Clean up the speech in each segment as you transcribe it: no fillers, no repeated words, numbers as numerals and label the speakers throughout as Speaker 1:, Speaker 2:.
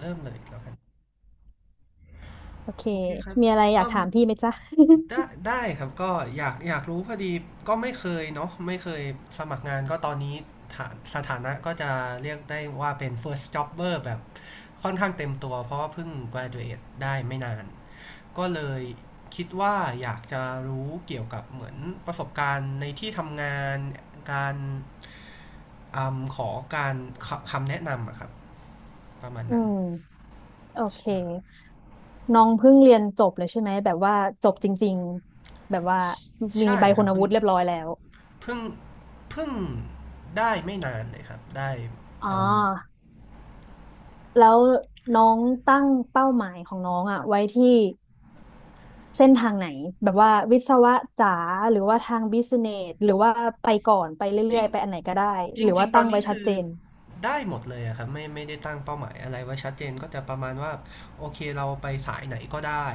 Speaker 1: เริ่มเลยแล้วกัน
Speaker 2: โอเค
Speaker 1: โอเคครับ
Speaker 2: มีอะไรอยาก
Speaker 1: เอิ่ม
Speaker 2: ถามพี่ไหมจ๊ะ
Speaker 1: ได้ครับก็อยากรู้พอดีก็ไม่เคยเนาะไม่เคยสมัครงานก็ตอนนี้ฐานสถานะก็จะเรียกได้ว่าเป็น first jobber แบบค่อนข้างเต็มตัวเพราะว่าเพิ่ง graduate ได้ไม่นานก็เลยคิดว่าอยากจะรู้เกี่ยวกับเหมือนประสบการณ์ในที่ทำงานการอมขอการคำแนะนำอะครับประมาณ
Speaker 2: อื
Speaker 1: นั้น
Speaker 2: มโอเค
Speaker 1: ใช่
Speaker 2: น้องเพิ่งเรียนจบเลยใช่ไหมแบบว่าจบจริงๆ แบบว่ามี
Speaker 1: ใช่
Speaker 2: ใบ
Speaker 1: ครั
Speaker 2: คุ
Speaker 1: บ
Speaker 2: ณวุฒิเรียบร้อยแล้ว
Speaker 1: เพิ่งเพิ่งได้ไม่นานเลยครับได้
Speaker 2: อ๋อ
Speaker 1: อืม
Speaker 2: แล้วน้องตั้งเป้าหมายของน้องอะไว้ที่เส้นทางไหนแบบว่าวิศวะจ๋าหรือว่าทางบิสเนสหรือว่าไปก่อนไป
Speaker 1: จ
Speaker 2: เรื่
Speaker 1: ริ
Speaker 2: อ
Speaker 1: ง
Speaker 2: ยๆ ไปอันไหนก็ได้
Speaker 1: จ
Speaker 2: ห
Speaker 1: ริง
Speaker 2: รือ
Speaker 1: จริ
Speaker 2: ว่า
Speaker 1: งๆต
Speaker 2: ตั้
Speaker 1: อน
Speaker 2: งไว้
Speaker 1: นี้
Speaker 2: ชัด
Speaker 1: คือ
Speaker 2: เจน
Speaker 1: ได้หมดเลยอะครับไม่ได้ตั้งเป้าหมายอะไรไว้ชัดเจนก็จะประมาณว่าโอเคเราไปสายไหนก็ได้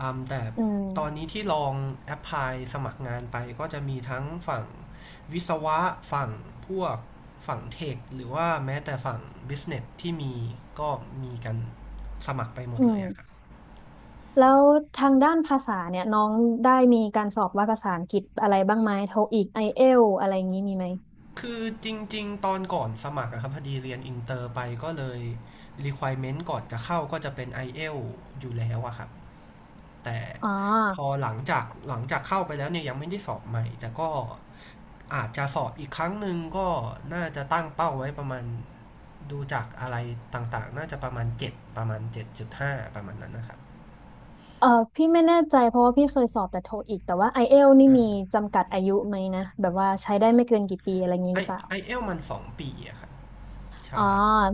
Speaker 1: อืมแต่
Speaker 2: อืม
Speaker 1: ตอนนี้ที่ลองแอพพลายสมัครงานไปก็จะมีทั้งฝั่งวิศวะฝั่งพวกฝั่งเทคหรือว่าแม้แต่ฝั่งบิสเนสที่มีก็มีกันสมัครไปหม
Speaker 2: อื
Speaker 1: ดเลยอะครับ
Speaker 2: ม แล้วทางด้านภาษาเนี่ยน้องได้มีการสอบวัดภาษาอังกฤษอะไรบ้างไหมโทอีกไอเอลอะไรอย่างนี้มีไหม
Speaker 1: คือจริงๆตอนก่อนสมัครอะครับพอดีเรียนอินเตอร์ไปก็เลย requirement ก่อนจะเข้าก็จะเป็น i อ l อลอยู่แล้วอะครับแต่
Speaker 2: อ๋อ
Speaker 1: พอหลังจากเข้าไปแล้วเนี่ยยังไม่ได้สอบใหม่แต่ก็อาจจะสอบอีกครั้งหนึ่งก็น่าจะตั้งเป้าไว้ประมาณดูจากอะไรต่างๆน่าจะประมาณ7ประมาณ7.5ประมาณนั้นนะครับ
Speaker 2: เออพี่ไม่แน่ใจเพราะว่าพี่เคยสอบแต่โทอีกแต่ว่าไอเอลนี่
Speaker 1: อ่
Speaker 2: มี
Speaker 1: า
Speaker 2: จำกัดอายุไหมนะแบบว่าใช้ได้ไม่เกินกี่ปีอะไรอย่างนี้
Speaker 1: ไอ
Speaker 2: หรือเปล่า
Speaker 1: ไอเอลมัน2ปีอะครับ
Speaker 2: อ๋อ
Speaker 1: ใช่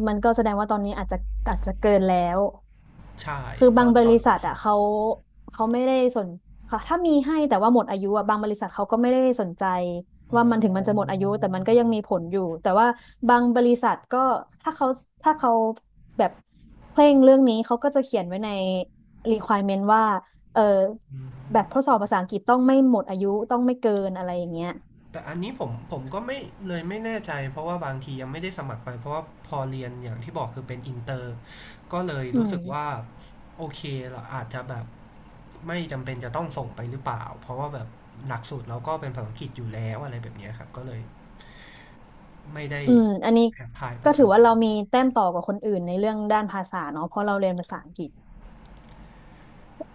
Speaker 2: มันก็แสดงว่าตอนนี้อาจจะเกินแล้ว
Speaker 1: ใช่
Speaker 2: คือ
Speaker 1: ต
Speaker 2: บาง
Speaker 1: อน
Speaker 2: บ
Speaker 1: ตอ
Speaker 2: ริ
Speaker 1: น
Speaker 2: ษัท
Speaker 1: สอ
Speaker 2: อ่ะ
Speaker 1: บ
Speaker 2: เขาไม่ได้สนค่ะถ้ามีให้แต่ว่าหมดอายุอ่ะบางบริษัทเขาก็ไม่ได้สนใจ
Speaker 1: อ๋
Speaker 2: ว่ามันถึงมันจะหม
Speaker 1: อ
Speaker 2: ดอายุแต่มันก็ยังมีผลอยู่แต่ว่าบางบริษัทก็ถ้าเขาถ้าเขาแบบเคร่งเรื่องนี้เขาก็จะเขียนไว้ใน requirement ว่าเออ
Speaker 1: อื
Speaker 2: แบบ
Speaker 1: ม
Speaker 2: ทดสอบภาษาอังกฤษต้องไม่หมดอายุต้องไม่เกินอะไรอย่างเงี้ย
Speaker 1: แต่อันนี้ผมก็ไม่เลยไม่แน่ใจเพราะว่าบางทียังไม่ได้สมัครไปเพราะว่าพอเรียนอย่างที่บอกคือเป็นอินเตอร์ก็เลย
Speaker 2: อื
Speaker 1: รู้
Speaker 2: ม
Speaker 1: สึกว่าโอเคเราอาจจะแบบไม่จำเป็นจะต้องส่งไปหรือเปล่าเพราะว่าแบบหลักสูตรเราก็เป็นภาษาอังกฤษอยู่แล้วอะไรแบบเนี้ยครับก็เลยไม่ได้
Speaker 2: อืมอันนี้
Speaker 1: แอพพลายไป
Speaker 2: ก็ถื
Speaker 1: กั
Speaker 2: อ
Speaker 1: น
Speaker 2: ว่าเรามีแต้มต่อกว่าคนอื่นในเรื่องด้านภาษาเนาะเพราะเราเรียนภาษาอังกฤษ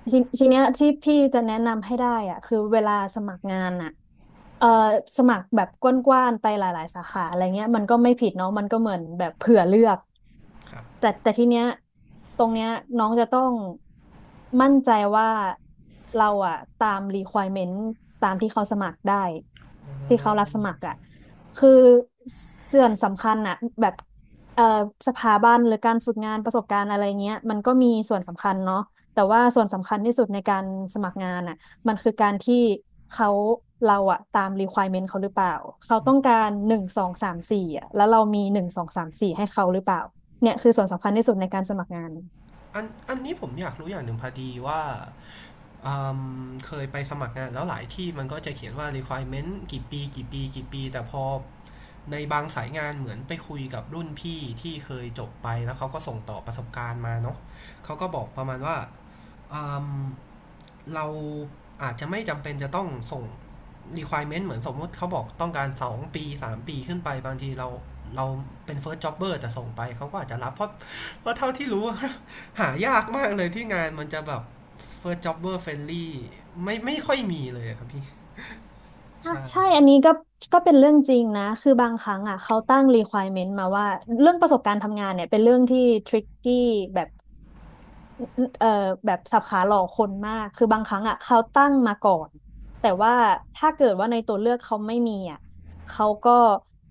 Speaker 2: ทีเนี้ยที่พี่จะแนะนำให้ได้อ่ะคือเวลาสมัครงานอ่ะเอ่อสมัครแบบกว้างๆไปหลายๆสาขาอะไรเงี้ยมันก็ไม่ผิดเนาะมันก็เหมือนแบบเผื่อเลือก
Speaker 1: ครับ
Speaker 2: แต่ทีเนี้ยตรงเนี้ยน้องจะต้องมั่นใจว่าเราอะตาม requirement ตามที่เขาสมัครได้
Speaker 1: อื
Speaker 2: ที่เขารับสมัครอะ
Speaker 1: ม
Speaker 2: คือส่วนสำคัญอะแบบเอ่อสถาบันหรือการฝึกงานประสบการณ์อะไรเงี้ยมันก็มีส่วนสำคัญเนาะแต่ว่าส่วนสำคัญที่สุดในการสมัครงานอะมันคือการที่เขาเราอะตาม requirement เขาหรือเปล่าเขาต้องการหนึ่งสองสามสี่อะแล้วเรามีหนึ่งสองสามสี่ให้เขาหรือเปล่า เนี่ยคือส่วนสำคัญที่สุดในการสมัครงาน
Speaker 1: อันนี้ผมอยากรู้อย่างหนึ่งพอดีว่าอืมเคยไปสมัครงานแล้วหลายที่มันก็จะเขียนว่า requirement กี่ปีแต่พอ ในบางสายงานเหมือนไปคุยกับรุ่นพี่ที่เคยจบไปแล้วเขาก็ส่งต่อประสบการณ์มาเนาะเขาก็บอกประมาณว่าอมเราอาจจะไม่จำเป็นจะต้องส่ง requirement เหมือนสมมติเขาบอกต้องการ2ปี3ปีขึ้นไปบางทีเราเป็น first jobber แต่ส่งไปเขาก็อาจจะรับเพราะเท่าที่รู้ หายากมากเลยที่งานมันจะแบบ first jobber friendly ไม่ค่อยมีเลยครับพี่
Speaker 2: อ่ะ
Speaker 1: ใช่
Speaker 2: ใช่อันนี้ก็เป็นเรื่องจริงนะคือบางครั้งอ่ะเขาตั้ง requirement มาว่าเรื่องประสบการณ์ทำงานเนี่ยเป็นเรื่องที่ tricky แบบ เอ่อแบบสับขาหลอกคนมาก คือบางครั้งอ่ะเขาตั้งมาก่อน แต่ว่าถ้าเกิดว่าในตัวเลือกเขาไม่มีอ่ะเขาก็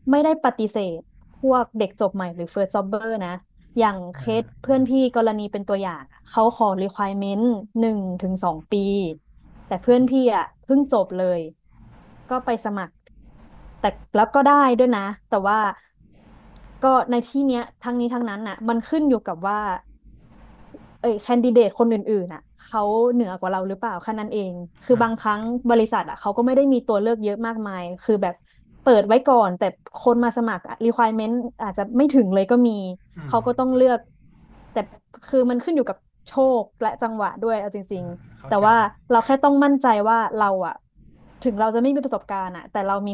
Speaker 2: ไม่ได้ปฏิเสธพวกเด็กจบใหม่หรือ first jobber นะ อย่างเคสเพื่อนพี่กรณีเป็นตัวอย่างอะเขาขอ requirement หนึ่งถึงสองปี แต่เพื่อนพี่อ่ะเพิ่งจบเลย ก็ไปสมัคร แต่แล้วก็ได้ด้วยนะ แต่ว่าก็ในที่เนี้ยทั้งนี้ทั้งนั้นน่ะมันขึ้นอยู่กับว่า เอ้ยแคนดิเดตคนอื่นๆอ่ะเขาเหนือกว่าเราหรือเปล่าแค่นั้นเองคือ
Speaker 1: อ่า
Speaker 2: บางครั้
Speaker 1: ค
Speaker 2: ง
Speaker 1: รับ
Speaker 2: บริษัทอ่ะเขาก็ไม่ได้มีตัวเลือกเยอะมากมายคือแบบเปิดไว้ก่อนแต่คนมาสมัครอะ requirement อาจจะไม่ถึงเลยก็มี
Speaker 1: อืม
Speaker 2: เขาก็ต้องเลือกแต่คือมันขึ้นอยู่กับโชคและจังหวะด้วยเอาจริงๆ
Speaker 1: เข้า
Speaker 2: แต่
Speaker 1: ใจ
Speaker 2: ว่าเราแค่ต้องมั่นใจว่าเราอะถึงเราจะไม่มีประสบการณ์อะแต่เรามี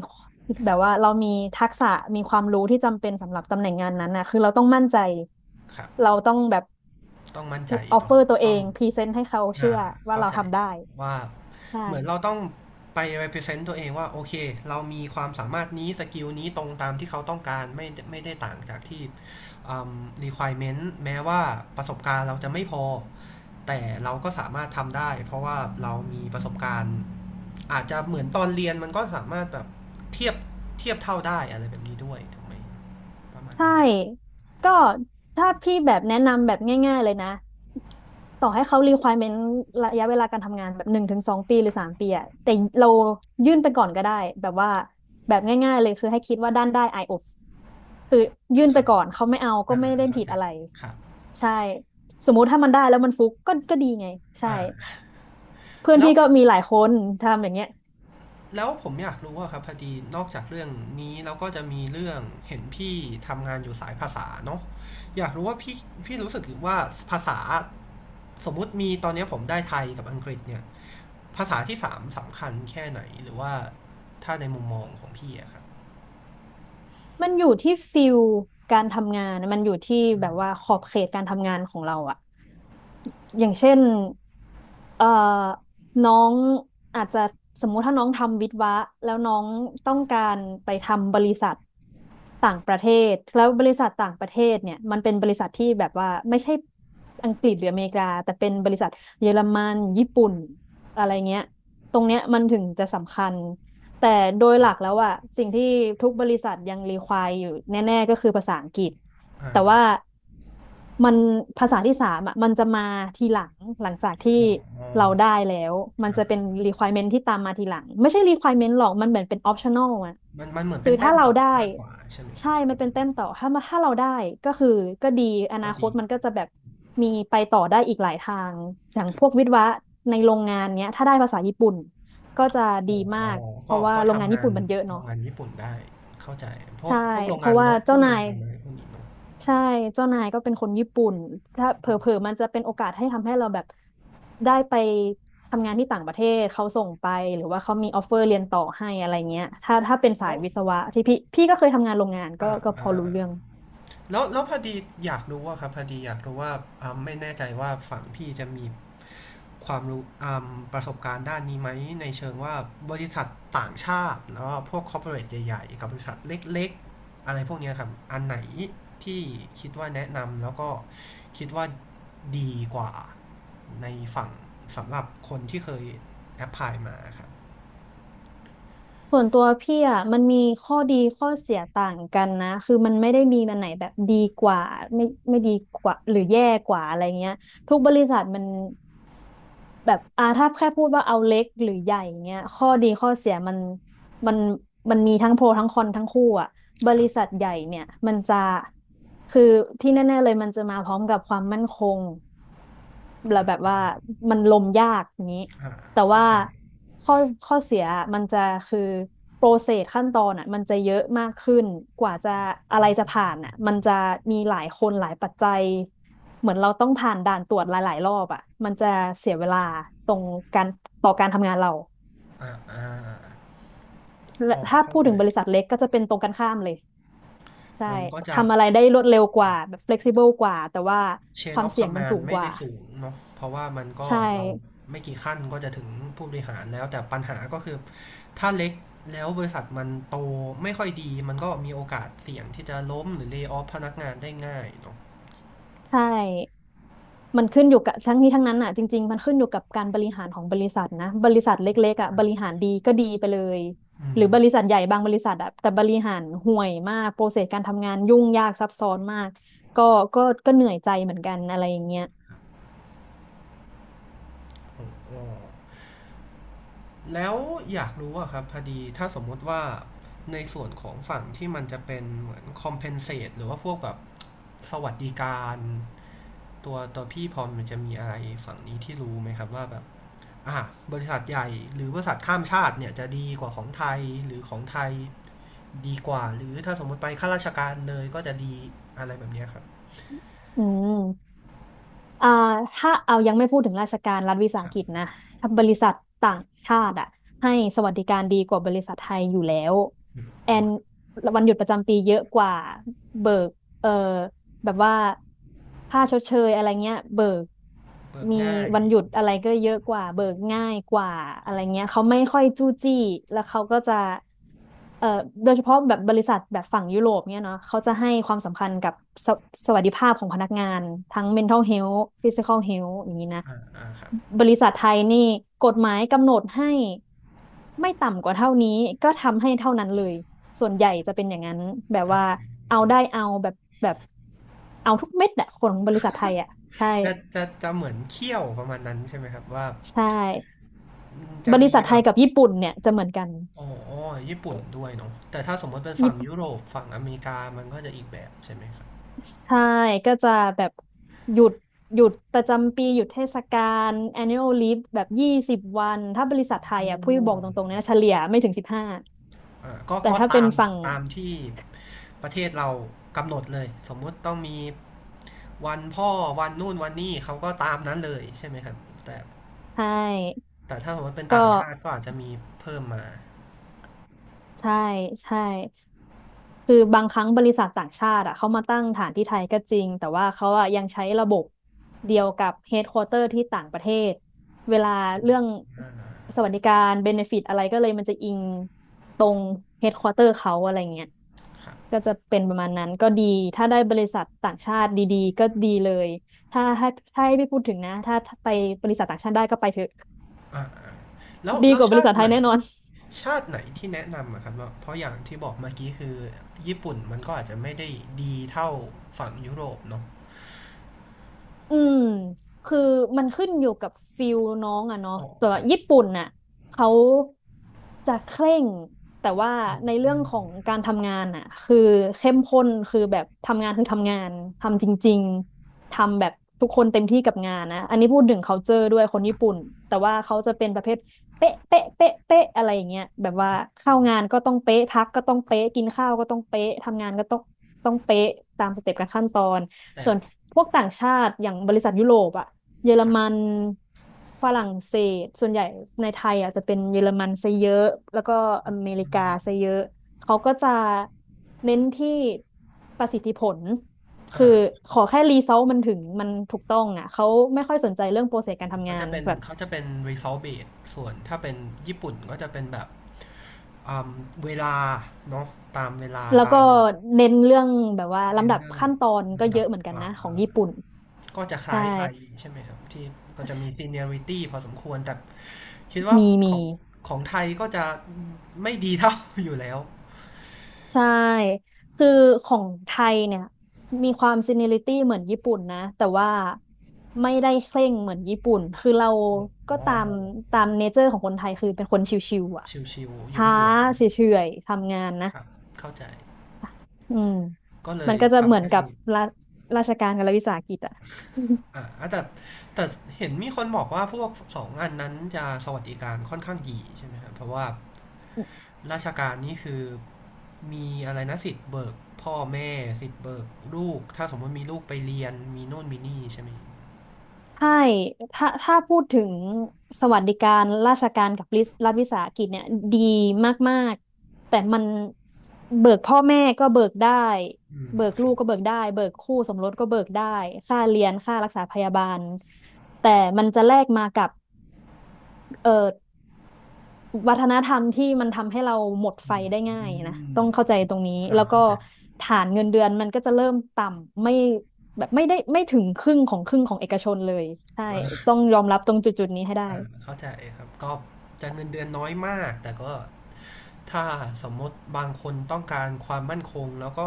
Speaker 2: แบบว่าเรามีทักษะมีความรู้ที่จำเป็นสำหรับตำแหน่งงานนั้นนะคือเราต้องมั่นใจ
Speaker 1: ครั
Speaker 2: เรา
Speaker 1: บ
Speaker 2: ต้องแบบ
Speaker 1: ต้องมั่นใจ
Speaker 2: ออฟเฟ
Speaker 1: เนาะ
Speaker 2: อร์ตัวเอ
Speaker 1: ต้อง
Speaker 2: งพรีเซนต์ให้เขา
Speaker 1: อ่า
Speaker 2: เชื่อว่า
Speaker 1: เข้า
Speaker 2: เรา
Speaker 1: ใจ
Speaker 2: ทำได้
Speaker 1: ว่า
Speaker 2: ใช่
Speaker 1: เหมือนเราต้องไป represent ตัวเองว่าโอเคเรามีความสามารถนี้สกิลนี้ตรงตามที่เขาต้องการไม่ได้ต่างจากที่อืม requirement แม้ว่าประสบการณ์เราจะไม่พอแต่เราก็สามารถทำได้เพราะว่าเรามีประสบการณ์อาจจะเหมือนตอนเรียนมันก็สามารถแบบเทียบเทียบเท่าได้อะไรแบบนี้ด้วยถูกไหมประมาณ
Speaker 2: ใช่
Speaker 1: นั้น
Speaker 2: ก็ถ้าพี่แบบแนะนำแบบง่ายๆเลยนะต่อให้เขา requirement ระยะเวลาการทำงานแบบหนึ่งถึงสองปีหรือสามปีอะแต่เรายื่นไปก่อนก็ได้แบบว่าแบบง่ายๆเลยคือให้คิดว่าด้านได้ IOPS คือยื่น
Speaker 1: ค
Speaker 2: ไป
Speaker 1: รับ
Speaker 2: ก่อนเขาไม่เอาก็
Speaker 1: อ่า
Speaker 2: ไม่ได้
Speaker 1: เข้า
Speaker 2: ผิด
Speaker 1: ใจ
Speaker 2: อะไร
Speaker 1: ครับ
Speaker 2: ใช่สมมุติถ้ามันได้แล้วมันฟุกก็ดีไงใช่
Speaker 1: อ่า
Speaker 2: เพื่อน
Speaker 1: แล้ว
Speaker 2: พี่ก็มีหลายคนทำอย่างเงี้ย
Speaker 1: แล้วผมอยากรู้ว่าครับพอดีนอกจากเรื่องนี้เราก็จะมีเรื่องเห็นพี่ทำงานอยู่สายภาษาเนาะอยากรู้ว่าพี่รู้สึกว่าภาษาสมมุติมีตอนนี้ผมได้ไทยกับอังกฤษเนี่ยภาษาที่สามสำคัญแค่ไหนหรือว่าถ้าในมุมมองของพี่อะครับ
Speaker 2: มันอยู่ที่ฟิลการทำงานมันอยู่ที่แบบว่าขอบเขตการทำงานของเราอะอย่างเช่นเอ่อน้องอาจจะสมมุติถ้าน้องทำวิศวะแล้วน้องต้องการไปทำบริษัทต่างประเทศแล้วบริษัทต่างประเทศเนี่ยมันเป็นบริษัทที่แบบว่าไม่ใช่อังกฤษหรืออเมริกาแต่เป็นบริษัทเยอรมันญี่ปุ่นอะไรเงี้ยตรงเนี้ยมันถึงจะสำคัญ แต่โดยหลักแล้วอะสิ่งที่ทุกบริษัทยังรีควายอยู่แน่ๆก็คือภาษาอังกฤษ
Speaker 1: อ่า
Speaker 2: แต่ว่ามันภาษาที่สามอะมันจะมาทีหลังหลังจากที่
Speaker 1: อ๋
Speaker 2: เรา
Speaker 1: อ
Speaker 2: ได้แล้วมันจะเป็น
Speaker 1: อ่า
Speaker 2: requirement ที่ตามมาทีหลังไม่ใช่ requirement หรอกมันเหมือนเป็น optional อะ
Speaker 1: มันเหมือน
Speaker 2: คื
Speaker 1: เป็
Speaker 2: อ
Speaker 1: นแต้
Speaker 2: ถ้า
Speaker 1: ม
Speaker 2: เรา
Speaker 1: ต่อ
Speaker 2: ได้
Speaker 1: มากกว่าใช่ไหมค
Speaker 2: ใช่
Speaker 1: รับ
Speaker 2: มันเป็นแต้มต่อถ้ามาถ้าเราได้ก็คือก็ดีอนา
Speaker 1: ก็
Speaker 2: คต
Speaker 1: ดี
Speaker 2: มันก็จะแบบมีไปต่อได้อีกหลายทางอย่าง
Speaker 1: ค
Speaker 2: พ
Speaker 1: รั
Speaker 2: วก
Speaker 1: บ
Speaker 2: วิศวะในโรงงานเนี้ยถ้าได้ภาษาญี่ปุ่นก็จะดี
Speaker 1: อ๋
Speaker 2: มา
Speaker 1: อ
Speaker 2: กเพ
Speaker 1: ก็
Speaker 2: ราะว่า
Speaker 1: ก็
Speaker 2: โรงงาน
Speaker 1: ทำ
Speaker 2: ญี่
Speaker 1: งาน
Speaker 2: ปุ่นมันเยอะ
Speaker 1: โร
Speaker 2: เนาะ
Speaker 1: งงานญี่ปุ่นได้เข้าใจพวก
Speaker 2: ใช่
Speaker 1: พวกโรง
Speaker 2: เพ
Speaker 1: งา
Speaker 2: ราะ
Speaker 1: น
Speaker 2: ว่า
Speaker 1: รถพ
Speaker 2: เจ้า
Speaker 1: วกโร
Speaker 2: นา
Speaker 1: ง
Speaker 2: ย
Speaker 1: งานอะไรพวกนี้เนาะ
Speaker 2: ใช่เจ้านายก็เป็นคนญี่ปุ่นถ้าเผลอๆมันจะเป็นโอกาสให้ทำให้เราแบบได้ไปทำงานที่ต่างประเทศเขาส่งไปหรือว่าเขามีออฟเฟอร์เรียนต่อให้อะไรเงี้ยถ้าเป็นสา
Speaker 1: แล้
Speaker 2: ย
Speaker 1: ว
Speaker 2: วิศวะที่พี่ก็เคยทำงานโรงงานก็
Speaker 1: อ่า
Speaker 2: ก็พ
Speaker 1: อ่า
Speaker 2: อรู้เรื่อง
Speaker 1: แล้ว แล้วพอดีอยากรู้ว่าครับพอดีอยากรู้ว่าอ่าไม่แน่ใจว่าฝั่งพี่จะมีความรู้อ่าประสบการณ์ด้านนี้ไหมในเชิงว่าบริษัทต่างชาติแล้วก็พวกคอร์ปอเรทใหญ่ๆกับบริษัทเล็กๆ อะไรพวกเนี้ยครับ อันไหนที่คิดว่าแนะนำแล้วก็คิดว่าดีกว่าในฝั่งสำหรับคนที่เคยแอพพลายมาครับ
Speaker 2: ส่วนตัวพี่อ่ะมันมีข้อดีข้อเสียต่างกันนะคือมันไม่ได้มีมันไหนแบบดีกว่าไม่ไม่ดีกว่าหรือแย่กว่าอะไรเงี้ยทุกบริษัทมัน แบบถ้าแค่พูดว่าเอาเล็กหรือใหญ่เงี้ยข้อดีข้อเสียมันมันมีทั้งโปรทั้งคอนทั้งคู่อ่ะบ
Speaker 1: ค
Speaker 2: ริ
Speaker 1: รั
Speaker 2: ษั
Speaker 1: บ
Speaker 2: ทใหญ่เนี่ยมันจะคือที่แน่ๆเลยมันจะมาพร้อมกับความมั่นคง แล้วแบบว่ามันลมยากอย่างนี้
Speaker 1: อ่า
Speaker 2: แต่
Speaker 1: เข้า
Speaker 2: ว่า
Speaker 1: ใจ
Speaker 2: ข้อข้อเสียมันจะคือโปรเซสขั้นตอนอ่ะมันจะเยอะมากขึ้นกว่าจะอะไรจะผ่านอ่ะมันจะมีหลายคนหลายปัจจัยเหมือนเราต้องผ่านด่านตรวจหลายๆรอบอ่ะมันจะเสียเวลาตรงการต่อการทำงานเรา
Speaker 1: อ่าอ่า
Speaker 2: และ
Speaker 1: อ๋อ
Speaker 2: ถ้า
Speaker 1: เข้า
Speaker 2: พูด
Speaker 1: ใจ
Speaker 2: ถึงบริษัทเล็กก็จะเป็นตรงกันข้ามเลยใช่
Speaker 1: มันก็จะ
Speaker 2: ทำอะไรได้รวดเร็วกว่าแบบ flexible กว่าแต่ว่า
Speaker 1: เช
Speaker 2: ค
Speaker 1: น
Speaker 2: วาม
Speaker 1: อฟค
Speaker 2: เสี่ย
Speaker 1: อ
Speaker 2: ง
Speaker 1: ม
Speaker 2: มัน
Speaker 1: มาน
Speaker 2: สู
Speaker 1: ด์
Speaker 2: ง
Speaker 1: ไม่
Speaker 2: กว่า
Speaker 1: ได้สูงเนาะเพราะว่ามันก็
Speaker 2: ใช่
Speaker 1: เราไม่กี่ขั้นก็จะถึงผู้บริหารแล้วแต่ปัญหาก็คือถ้าเล็กแล้วบริษัทมันโตไม่ค่อยดีมันก็มีโอกาสเสี่ยงที่จะล้มหรือเล y o อ f พนักงานได้ง่ายเนาะ
Speaker 2: ใช่ มันขึ้นอยู่กับทั้งนี้ทั้งนั้นอ่ะจริงๆมันขึ้นอยู่กับการบริหารของบริษัทนะบริษัทเล็กๆอ่ะบริหารดีก็ดีไปเลย
Speaker 1: อื
Speaker 2: หรื
Speaker 1: ม
Speaker 2: อบริษัทใหญ่บางบริษัทอ่ะแต่บริหารห่วยมากโปรเซสการทำงานยุ่งยากซับซ้อนมากก็ก็ก็เหนื่อยใจเหมือนกันอะไรอย่างเงี้ย
Speaker 1: โอ้แล้วอยากรู้อะครับพอดีถ้าสมมุติว่าในส่วนของฝั่งที่มันจะเป็นเหมือน compensate หรือว่าพวกแบบสวัสดิการตัวพี่พรมันจะมีอะไรฝั่งนี้ที่รู้ไหมครับว่าแบบ บริษัทใหญ่หรือบริษัทข้ามชาติเนี่ยจะดีกว่าของไทยหรือของไทยดีกว่าหรือถ้าสมมติไปข้าราชการเลยก็จะดีอะไรแบบเนี้ยครับ
Speaker 2: อืมอ่าถ้าเอายังไม่พูดถึงราชการรัฐวิสา
Speaker 1: ค
Speaker 2: ห
Speaker 1: รั
Speaker 2: กิจนะ
Speaker 1: บ
Speaker 2: ถ้าบริษัทต่างชาติอ่ะให้สวัสดิการดีกว่าบริษัทไทยอยู่แล้วแอ
Speaker 1: โอ
Speaker 2: น
Speaker 1: เค
Speaker 2: วันหยุดประจำปีเยอะกว่าเบิกเอ่อ แบบว่าค่าชดเชยอะไรเงี้ยเบิก
Speaker 1: เบิก
Speaker 2: มี
Speaker 1: ง่าย
Speaker 2: วันหยุดอะไรก็เยอะกว่าเบิกง่ายกว่าอะไรเงี้ยเขาไม่ค่อยจู้จี้แล้วเขาก็จะเอ่อโดยเฉพาะแบบบริษัทแบบฝั่งยุโรปเนี่ยเนาะเขาจะให้ความสำคัญกับสสวัสดิภาพของพนักงานทั้ง mental health physical health อย่างนี้นะ
Speaker 1: อ่าอ่าครับ
Speaker 2: บริษัทไทยนี่กฎหมายกำหนดให้ไม่ต่ำกว่าเท่านี้ก็ทำให้เท่านั้นเลยส่วนใหญ่จะเป็นอย่างนั้นแบบว่าเอา
Speaker 1: ครั
Speaker 2: ได้
Speaker 1: บ
Speaker 2: เอาแบบ เอาทุกเม็ดแหละของบริษัทไทยอ่ะใช่
Speaker 1: จะเหมือนเคี่ยวประมาณนั้นใช่ไหมครับว่า
Speaker 2: ใช่
Speaker 1: จะ
Speaker 2: บริ
Speaker 1: มี
Speaker 2: ษัท
Speaker 1: แบ
Speaker 2: ไท
Speaker 1: บ
Speaker 2: ยกับญี่ปุ่นเนี่ยจะเหมือนกัน
Speaker 1: อ๋อญี่ปุ่นด้วยเนาะแต่ถ้าสมมติเป็นฝั่
Speaker 2: ญี่
Speaker 1: ง
Speaker 2: ปุ่น
Speaker 1: ยุโรปฝั่งอเมริกามันก็จะอีกแบบใช่ไหมครับ
Speaker 2: ใช่ก็จะแบบหยุดหยุดประจำปีหยุดเทศกาล annual leave แบบ20วันถ้าบริษัทไทย
Speaker 1: อ๋
Speaker 2: อ่ะพูดบอกตรงๆ
Speaker 1: อ
Speaker 2: นะเฉลี่ยไม่ถึง15
Speaker 1: อ่าก็
Speaker 2: แต่
Speaker 1: ก็
Speaker 2: ถ้าเป็
Speaker 1: ตา
Speaker 2: น
Speaker 1: ม
Speaker 2: ฝั่ง
Speaker 1: ตามที่ประเทศเรากำหนดเลยสมมติต้องมี วันพ่อวันนู่นวันนี่เขาก็ตามนั้นเลยใช่ไหมครับแต่
Speaker 2: ใช่
Speaker 1: แต่ถ้าสมมติเป็น
Speaker 2: ก็
Speaker 1: ต่างชาติก็อาจจะมีเพิ่มมา
Speaker 2: ใช่ใช่ คือบางครั้งบริษัทต่างชาติอะเขามาตั้งฐานที่ไทยก็จริงแต่ว่าเขาอะยังใช้ระบบเดียวกับเฮดควอเตอร์ที่ต่างประเทศเวลาเรื่องสวัสดิการเบเนฟิตอะไรก็เลยมันจะอิงตรงเฮดควอเตอร์เขาอะไรเงี้ย
Speaker 1: ครับ
Speaker 2: ก็จะเป็นประมาณนั้นก็ดีถ้าได้บริษัทต่างชาติดีๆก็ดีเลยถ้าถ้าถ้าให้พี่พูดถึงนะถ้าไปบริษัทต่างชาติได้ก็ไปเถอะ
Speaker 1: อ่าอ่าแล้ว
Speaker 2: ดี
Speaker 1: แล้
Speaker 2: ก
Speaker 1: ว
Speaker 2: ว่าบ
Speaker 1: ชา
Speaker 2: ริ
Speaker 1: ติ
Speaker 2: ษัทไท
Speaker 1: ไหน
Speaker 2: ยแน่นอน
Speaker 1: ชาติไหนที่แนะนำอะครับว่าเพราะอย่างที่บอกเมื่อกี้คือญี่ปุ่นมันก็อาจจะไม่ได้ดีเท่าฝั่งยุโรปเนาะ
Speaker 2: อืมคือมันขึ้นอยู่กับฟิลน้องอะเนาะ
Speaker 1: อ๋อ
Speaker 2: แต่
Speaker 1: ค
Speaker 2: ว่า
Speaker 1: รับ
Speaker 2: ญี่ปุ่นน่ะเขาจะเคร่งแต่ว่า
Speaker 1: อืม
Speaker 2: ใน
Speaker 1: อื
Speaker 2: เรื่อง
Speaker 1: ม
Speaker 2: ของการทำงานน่ะคือเข้มข้นคือแบบทำงานคือทำงานทำจริงๆ ทำแบบทุกคนเต็มที่กับงานนะอันนี้พูดถึง culture ด้วยคนญี่ปุ่นแต่ว่าเขาจะเป็นประเภทเป๊ะอะไรอย่างเงี้ยแบบว่าเข้างานก็ต้องเป๊ะพักก็ต้องเป๊ะกินข้าวก็ต้องเป๊ะทำงานก็ต้องเป๊ะตามสเต็ปการขั้นตอน
Speaker 1: แต่
Speaker 2: ส่วนพวกต่างชาติอย่างบริษัทยุโรปอะเยอร
Speaker 1: ครับ
Speaker 2: มันฝรั่งเศสส่วนใหญ่ในไทยอะจะเป็นเยอรมันซะเยอะแล้วก็อเมริกาซะเยอะเขาก็จะเน้นที่ประสิทธิผลคือ
Speaker 1: อ่า
Speaker 2: ขอแค่รีเซอลมันถึงมันถูกต้องอะเขาไม่ค่อยสนใจเรื่องโปรเซสการทำ
Speaker 1: เขา
Speaker 2: งา
Speaker 1: จะ
Speaker 2: น
Speaker 1: เป็น
Speaker 2: แบบ
Speaker 1: เขาจะเป็น result based ส่วนถ้าเป็นญี่ปุ่นก็จะเป็นแบบอ่าเวลาเนาะตามเวลา
Speaker 2: แล้ว
Speaker 1: ตา
Speaker 2: ก็
Speaker 1: ม
Speaker 2: เน้นเรื่องแบบว่า
Speaker 1: เน
Speaker 2: ลำ
Speaker 1: น
Speaker 2: ดับ
Speaker 1: เดอร
Speaker 2: ขั้นตอนก็เย
Speaker 1: ดับ
Speaker 2: อะเหมือนกัน
Speaker 1: อ่า
Speaker 2: นะของ
Speaker 1: อ่า
Speaker 2: ญี่ปุ่น
Speaker 1: ก็จะค
Speaker 2: ใช่
Speaker 1: ล้ายไทยใช่ไหมครับที่ก็จะมี seniority พอสมควรแต่คิดว่า
Speaker 2: มี
Speaker 1: ข
Speaker 2: มี
Speaker 1: องของไทยก็จะไม่ดีเท่า อยู่แล้ว
Speaker 2: ใช่ คือของไทยเนี่ยมีความซีเนียริตี้เหมือนญี่ปุ่นนะแต่ว่าไม่ได้เคร่งเหมือนญี่ปุ่นคือเราก็
Speaker 1: อ๋อ
Speaker 2: ตามเนเจอร์ของคนไทยคือเป็นคนชิวๆอ่ะ
Speaker 1: ชิวๆหยวน
Speaker 2: ช้า
Speaker 1: หยวน
Speaker 2: เฉยๆทำงานนะ
Speaker 1: ครับเข้าใจ
Speaker 2: อืม
Speaker 1: ก็เล
Speaker 2: มั
Speaker 1: ย
Speaker 2: นก็จะเหมื
Speaker 1: ทำ
Speaker 2: อน
Speaker 1: ให้
Speaker 2: กับราราชการกับรัฐวิสาหกิจอ่ะ
Speaker 1: อ่าแต่แต่เห็นมีคนบอกว่าพวกสองอันนั้นจะสวัสดิการค่อนข้างดีใช่ไหมครับเพราะว่า ราชการนี่คือมีอะไรนะสิทธิ์เบิกพ่อแม่สิทธิ์เบิกลูกถ้าสมมติมีลูกไปเรียนมีโน่นมีนี่ใช่ไหม
Speaker 2: ใช่ถ้าพูดถึงสวัสดิการราชการกับรัฐวิสาหกิจเนี่ยดีมากๆแต่มันเบิกพ่อแม่ก็เบิกได้
Speaker 1: อืม
Speaker 2: เบิก
Speaker 1: ค
Speaker 2: ลู
Speaker 1: รั
Speaker 2: ก
Speaker 1: บ
Speaker 2: ก็เบิกได้ เบิกคู่สมรสก็เบิกได้ ค่าเรียน ค่ารักษาพยาบาล แต่มันจะแลกมากับเอ่อ วัฒนธรรมที่มันทำให้เราหมดไฟได้ง่ายนะต้องเข้าใจตรงนี้
Speaker 1: อ่า
Speaker 2: แล้วก็
Speaker 1: เข้าใจ
Speaker 2: ฐานเงินเดือนมันก็จะเริ่มต่ำไม่แบบไม่ได้ไม่ถึงครึ่งของครึ่งของเอกชนเลยใช่
Speaker 1: อ่า
Speaker 2: ต้องยอมรับตรงจุดๆนี้ให้ได้
Speaker 1: อ่าเข้าใจครับก็จะเงินเดือนน้อยมากแต่ก็ถ้าสมมติบางคนต้องการความมั่นคงแล้วก็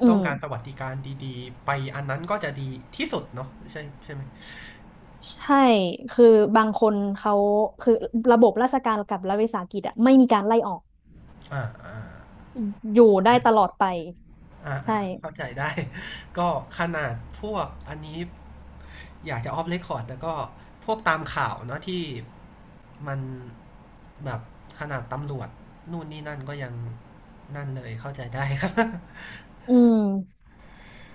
Speaker 2: อื
Speaker 1: ต้อง
Speaker 2: ม
Speaker 1: การสวัสดิการดีๆไปอันนั้นก็จะดีที่สุดเนาะใช่ใช่ไหม
Speaker 2: ใช่คือบางคนเขาคือระบบราชการกับรัฐวิสาหกิจอะไม่มีการไล่ออก
Speaker 1: อ่าอ่า
Speaker 2: อยู่ได้ตลอดไป
Speaker 1: อ่า
Speaker 2: ใช่
Speaker 1: อ่าเข้าใจได้ ก็ขนาดพวกอันนี้ อยากจะออฟเรคคอร์ดแต่ก็พวกตามข่าวเนาะที่มันแบบขนาดตำรวจนู่นนี่นั่นก็ยังนั่นเลยเข้าใจได้ครับ
Speaker 2: อืม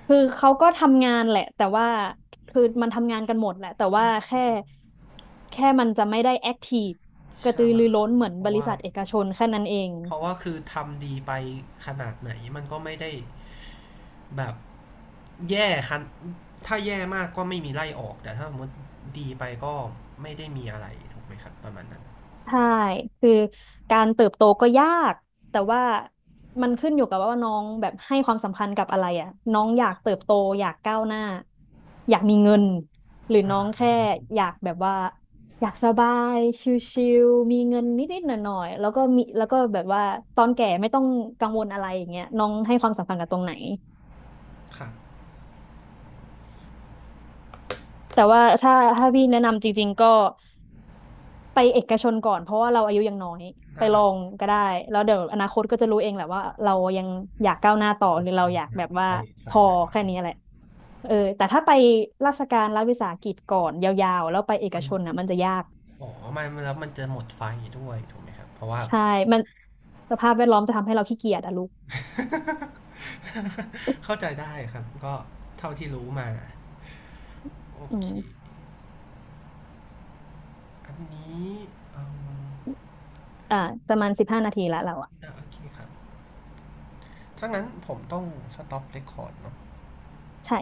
Speaker 2: คือเขาก็ทำงานแหละแต่ว่าคือมันทำงานกันหมดแหละแต่ว่าแค่มันจะไม่ได้แอคทีฟ กระตื
Speaker 1: ใช่
Speaker 2: อรือร้นเหมือน
Speaker 1: เพ
Speaker 2: บ
Speaker 1: ราะ
Speaker 2: ริ
Speaker 1: ว่า
Speaker 2: ษัทเอกชนแค่นั้นเอง
Speaker 1: เพราะว่าคือทำดีไปขนาดไหนมันก็ไม่ได้แบบแย่คันถ้าแย่มากก็ไม่มีไล่ออกแต่ถ้าสมมติดีไปก็ไม่ได้มีอะไรถูกไหมครับประมาณนั้น
Speaker 2: ใช่คือการเติบโตก็ยากแต่ว่ามันขึ้นอยู่กับว่าน้องแบบให้ความสำคัญกับอะไรอ่ะน้องอยากเติบโตอยากก้าวหน้าอยากมีเงินหรือน้องแค่อยากแบบว่าอยากสบายชิลๆมีเงินนิดๆหน่อยๆแล้วก็มีแล้วก็แบบว่าตอนแก่ไม่ต้องกังวลอะไรอย่างเงี้ยน้องให้ความสำคัญกับตรงไหน
Speaker 1: ครับ
Speaker 2: แต่ว่าถ้าพี่แนะนำจริงๆก็ ไปเอกชนก่อนเพราะว่าเราอายุยังน้อยไป
Speaker 1: ได้
Speaker 2: ลองก็ได้แล้วเดี๋ยวอนาคตก็จะรู้เองแหละว่าเรายังอยากก้าวหน้าต่อหรือเราอยากแบบว่า
Speaker 1: ไป
Speaker 2: พ
Speaker 1: สาย
Speaker 2: อ
Speaker 1: ไหน
Speaker 2: แค่นี้แหละเออแต่ถ้าไปราชการรัฐวิสาหกิจก่อนยาวๆแล้วไปเอก
Speaker 1: มัน
Speaker 2: ชนน่ะมันจะยาก
Speaker 1: อ๋อมันแล้วมันจะหมดไฟด้วยถูกไหมครับเพราะว่า
Speaker 2: ใช่มันสภาพแวดล้อมจะทำให้เราขี้เกียจอะลูก
Speaker 1: เข้าใจได้ครับก็เท่าที่รู้มาโอ
Speaker 2: อื
Speaker 1: เค
Speaker 2: ม
Speaker 1: อันนี้เอา
Speaker 2: อ่าประมาณ15 นาทีละเราอะ
Speaker 1: อ่ะโอเคครับถ้างั้นผมต้องสต็อปเรคคอร์ดเนาะ
Speaker 2: ใช่